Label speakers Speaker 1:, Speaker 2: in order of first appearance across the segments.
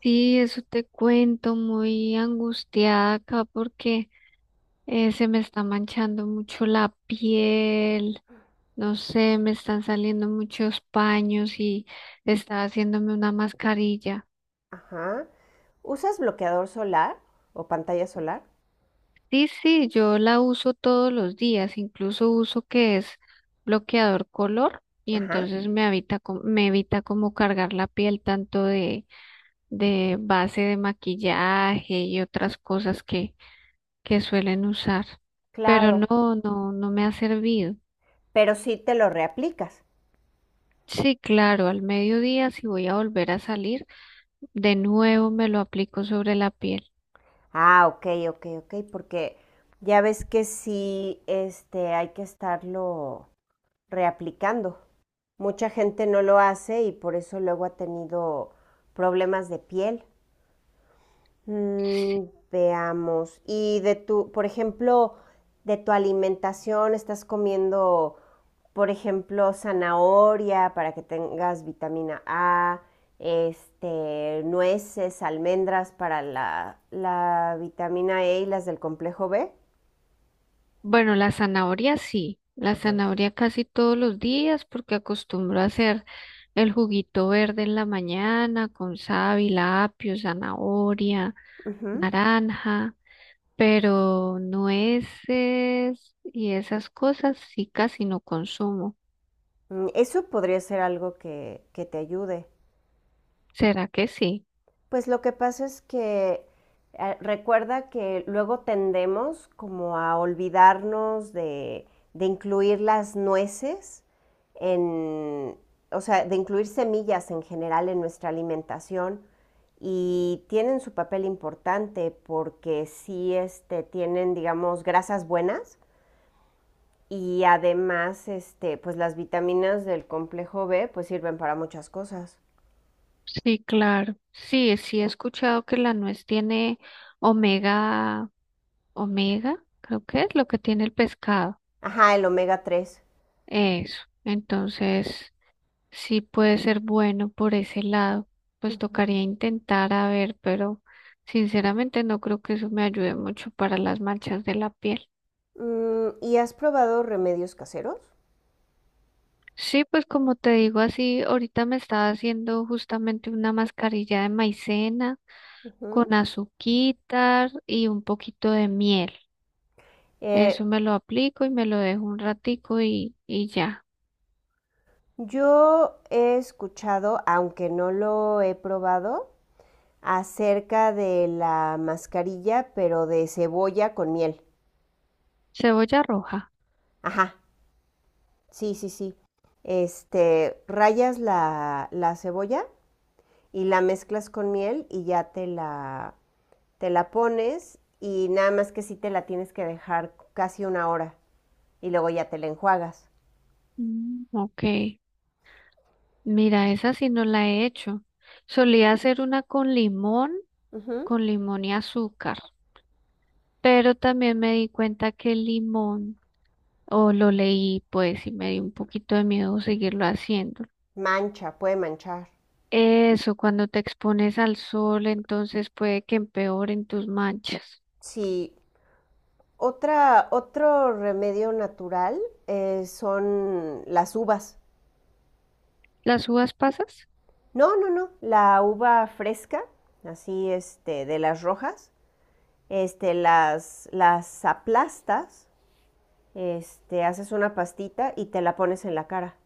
Speaker 1: Sí, eso te cuento, muy angustiada acá porque se me está manchando mucho la piel, no sé, me están saliendo muchos paños y está haciéndome una mascarilla.
Speaker 2: Ajá. ¿Usas bloqueador solar o pantalla solar?
Speaker 1: Sí, sí, yo la uso todos los días, incluso uso que es bloqueador color y
Speaker 2: Ajá.
Speaker 1: entonces me evita, me evita como cargar la piel tanto de base de maquillaje y otras cosas que suelen usar, pero
Speaker 2: Claro.
Speaker 1: no, no, no me ha servido.
Speaker 2: Pero sí te lo reaplicas.
Speaker 1: Sí, claro, al mediodía si voy a volver a salir, de nuevo me lo aplico sobre la piel.
Speaker 2: Ah, ok, ok, ok, porque ya ves que sí, hay que estarlo reaplicando. Mucha gente no lo hace y por eso luego ha tenido problemas de piel. Mm, veamos. Y de tu, por ejemplo, de tu alimentación, ¿estás comiendo, por ejemplo, zanahoria para que tengas vitamina A, nueces, almendras para la vitamina E y las del complejo B?
Speaker 1: Bueno, la zanahoria sí, la zanahoria casi todos los días porque acostumbro a hacer el juguito verde en la mañana con sábila, apio, zanahoria,
Speaker 2: Ujú.
Speaker 1: naranja, pero nueces y esas cosas sí casi no consumo.
Speaker 2: Mm, eso podría ser algo que te ayude.
Speaker 1: ¿Será que sí?
Speaker 2: Pues lo que pasa es que recuerda que luego tendemos como a olvidarnos de incluir las nueces en, o sea, de incluir semillas en general en nuestra alimentación y tienen su papel importante porque sí tienen, digamos, grasas buenas y además, este, pues las vitaminas del complejo B pues sirven para muchas cosas.
Speaker 1: Sí, claro. Sí, sí he escuchado que la nuez tiene omega, omega, creo que es lo que tiene el pescado.
Speaker 2: Ajá, el omega 3.
Speaker 1: Eso. Entonces, sí puede ser bueno por ese lado. Pues tocaría intentar a ver, pero sinceramente no creo que eso me ayude mucho para las manchas de la piel.
Speaker 2: Mm, ¿y has probado remedios caseros?
Speaker 1: Sí, pues como te digo así, ahorita me estaba haciendo justamente una mascarilla de maicena
Speaker 2: Ujú.
Speaker 1: con azuquitar y un poquito de miel.
Speaker 2: Eh,
Speaker 1: Eso me lo aplico y me lo dejo un ratico y ya.
Speaker 2: yo he escuchado, aunque no lo he probado, acerca de la mascarilla, pero de cebolla con miel.
Speaker 1: Cebolla roja.
Speaker 2: Ajá, sí, sí, sí. Este, rayas la cebolla y la mezclas con miel y ya te la pones y nada más que sí te la tienes que dejar casi una hora y luego ya te la enjuagas.
Speaker 1: Mm, ok. Mira, esa sí no la he hecho. Solía hacer una
Speaker 2: Ujú.
Speaker 1: con limón y azúcar. Pero también me di cuenta que el limón, o lo leí pues y me dio un poquito de miedo seguirlo haciendo.
Speaker 2: Mancha, puede manchar.
Speaker 1: Eso, cuando te expones al sol, entonces puede que empeoren tus manchas.
Speaker 2: Sí. Otro remedio natural son las uvas.
Speaker 1: ¿Las uvas pasas?
Speaker 2: No, no, no. La uva fresca, así este, de las rojas, este, las aplastas, este, haces una pastita y te la pones en la cara.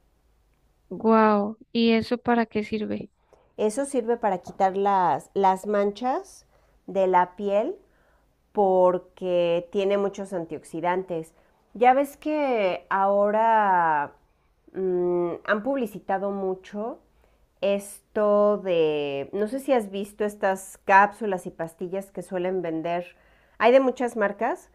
Speaker 1: Guau. ¿Y eso para qué sirve?
Speaker 2: Eso sirve para quitar las manchas de la piel porque tiene muchos antioxidantes. Ya ves que ahora han publicitado mucho esto de, no sé si has visto estas cápsulas y pastillas que suelen vender. Hay de muchas marcas,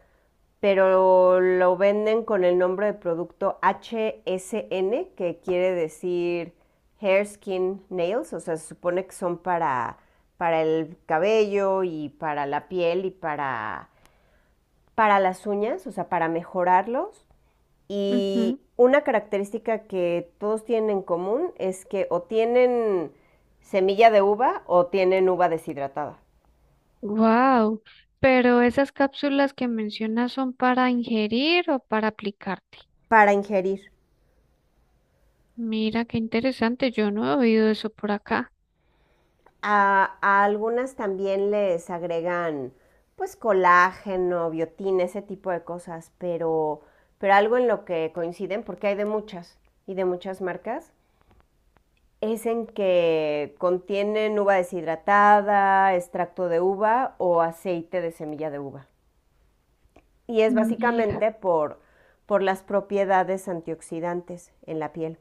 Speaker 2: pero lo venden con el nombre de producto HSN, que quiere decir Hair, Skin, Nails, o sea, se supone que son para el cabello y para la piel y para las uñas, o sea, para mejorarlos. Y
Speaker 1: Ujú.
Speaker 2: una característica que todos tienen en común es que o tienen semilla de uva o tienen uva deshidratada
Speaker 1: Wow, pero esas cápsulas que mencionas son para ingerir o para aplicarte.
Speaker 2: para ingerir.
Speaker 1: Mira, qué interesante, yo no he oído eso por acá.
Speaker 2: A algunas también les agregan pues colágeno, biotina, ese tipo de cosas, pero algo en lo que coinciden, porque hay de muchas y de muchas marcas, es en que contienen uva deshidratada, extracto de uva o aceite de semilla de uva. Y es
Speaker 1: Mira,
Speaker 2: básicamente por las propiedades antioxidantes en la piel.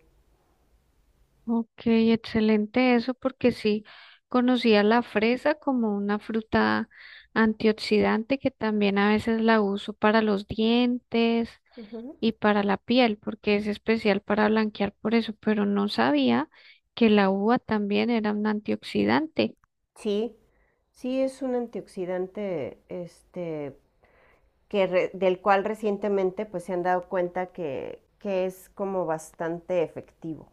Speaker 1: ok, excelente eso porque sí conocía la fresa como una fruta antioxidante que también a veces la uso para los dientes
Speaker 2: Ujú.
Speaker 1: y para la piel porque es especial para blanquear por eso, pero no sabía que la uva también era un antioxidante.
Speaker 2: Sí, sí es un antioxidante del cual recientemente pues, se han dado cuenta que es como bastante efectivo.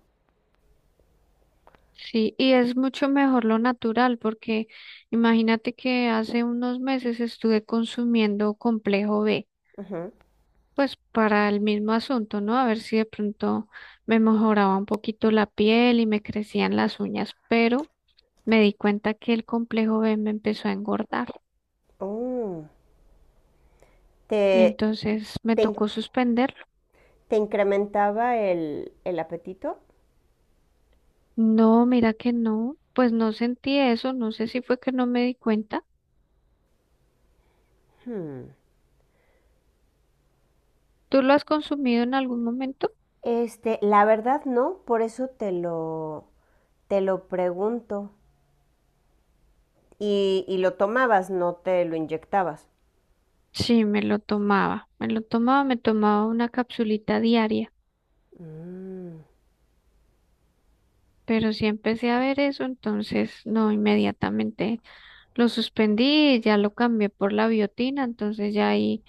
Speaker 1: Sí, y es mucho mejor lo natural, porque imagínate que hace unos meses estuve consumiendo complejo B,
Speaker 2: Ujú.
Speaker 1: pues para el mismo asunto, ¿no? A ver si de pronto me mejoraba un poquito la piel y me crecían las uñas, pero me di cuenta que el complejo B me empezó a engordar,
Speaker 2: Oh, ¿Te,
Speaker 1: entonces me
Speaker 2: te in-
Speaker 1: tocó suspenderlo.
Speaker 2: ¿te incrementaba el apetito?
Speaker 1: No, mira que no, pues no sentí eso, no sé si fue que no me di cuenta.
Speaker 2: Hmm.
Speaker 1: ¿Tú lo has consumido en algún momento?
Speaker 2: Este, la verdad no, por eso te lo pregunto. Y lo tomabas, no te lo inyectabas.
Speaker 1: Sí, me lo tomaba, me lo tomaba, me tomaba una capsulita diaria,
Speaker 2: Mm.
Speaker 1: pero sí empecé a ver eso, entonces no, inmediatamente lo suspendí y ya lo cambié por la biotina, entonces ya ahí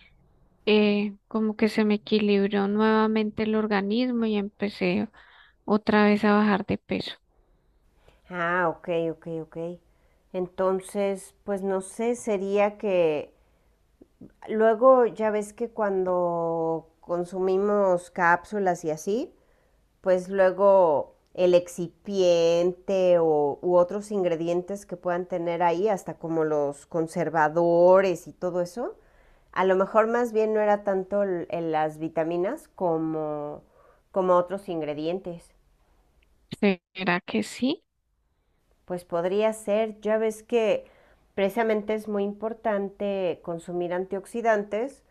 Speaker 1: como que se me equilibró nuevamente el organismo y empecé otra vez a bajar de peso.
Speaker 2: Ah, ok, ok, ok. Entonces, pues no sé, sería que luego ya ves que cuando consumimos cápsulas y así, pues luego el excipiente o, u otros ingredientes que puedan tener ahí, hasta como los conservadores y todo eso, a lo mejor más bien no era tanto en las vitaminas como, como otros ingredientes.
Speaker 1: ¿Será que sí?
Speaker 2: Pues podría ser, ya ves que precisamente es muy importante consumir antioxidantes,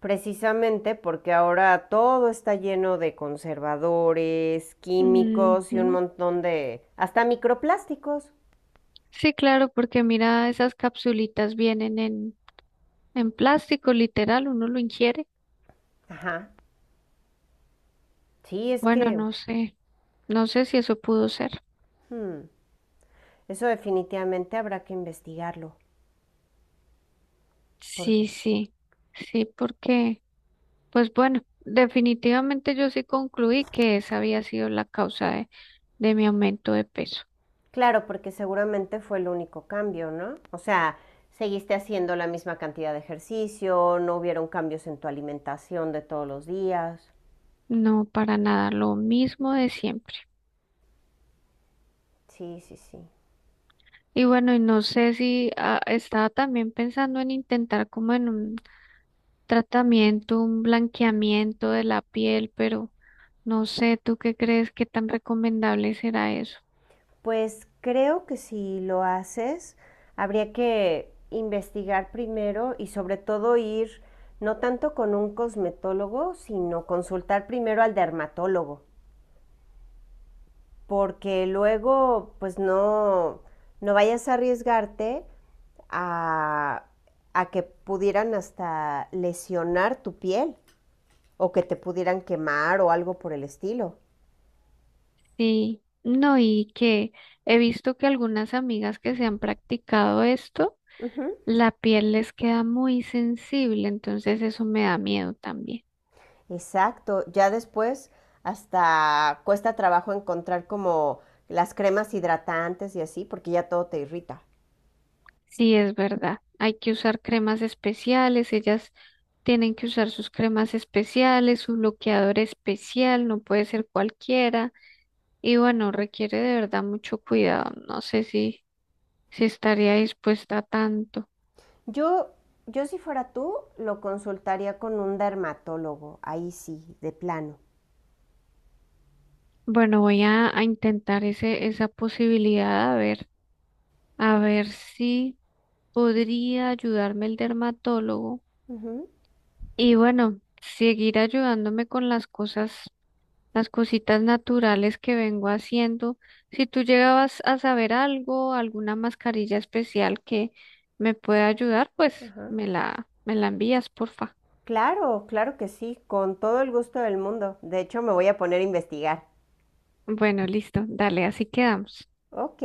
Speaker 2: precisamente porque ahora todo está lleno de conservadores, químicos y un
Speaker 1: Ujú.
Speaker 2: montón de hasta microplásticos.
Speaker 1: Sí, claro, porque mira, esas capsulitas vienen en plástico, literal, uno lo ingiere.
Speaker 2: Ajá. Sí, es
Speaker 1: Bueno,
Speaker 2: que
Speaker 1: no sé. No sé si eso pudo ser.
Speaker 2: hmm, eso definitivamente habrá que investigarlo. Por-
Speaker 1: Sí, sí, sí, porque, pues bueno, definitivamente yo sí concluí que esa había sido la causa de mi aumento de peso.
Speaker 2: Claro, porque seguramente fue el único cambio, ¿no? O sea, seguiste haciendo la misma cantidad de ejercicio, no hubieron cambios en tu alimentación de todos los días.
Speaker 1: No, para nada, lo mismo de siempre.
Speaker 2: Sí, sí, sí.
Speaker 1: Y bueno, y no sé si estaba también pensando en intentar como en un tratamiento, un blanqueamiento de la piel, pero no sé, ¿tú qué crees que tan recomendable será eso?
Speaker 2: Pues creo que si lo haces, habría que investigar primero y sobre todo ir no tanto con un cosmetólogo, sino consultar primero al dermatólogo, porque luego pues no, no vayas a arriesgarte a, a que pudieran hasta lesionar tu piel o que te pudieran quemar o algo por el estilo.
Speaker 1: Sí, no, y que he visto que algunas amigas que se han practicado esto,
Speaker 2: Ujú.
Speaker 1: la piel les queda muy sensible, entonces eso me da miedo también.
Speaker 2: Exacto, ya después hasta cuesta trabajo encontrar como las cremas hidratantes y así, porque ya todo te irrita.
Speaker 1: Sí, es verdad. Hay que usar cremas especiales, ellas tienen que usar sus cremas especiales, su bloqueador especial, no puede ser cualquiera. Y bueno, requiere de verdad mucho cuidado. No sé si, si estaría dispuesta a tanto.
Speaker 2: Yo, yo si fuera tú, lo consultaría con un dermatólogo, ahí sí, de plano.
Speaker 1: Bueno, voy a intentar ese, esa posibilidad a ver. A ver si podría ayudarme el dermatólogo.
Speaker 2: Ujú.
Speaker 1: Y bueno, seguir ayudándome con las cosas, las cositas naturales que vengo haciendo. Si tú llegabas a saber algo, alguna mascarilla especial que me pueda ayudar, pues
Speaker 2: Ajá.
Speaker 1: me la envías, porfa.
Speaker 2: Claro, claro que sí, con todo el gusto del mundo. De hecho, me voy a poner a investigar.
Speaker 1: Bueno, listo, dale, así quedamos.
Speaker 2: Ok,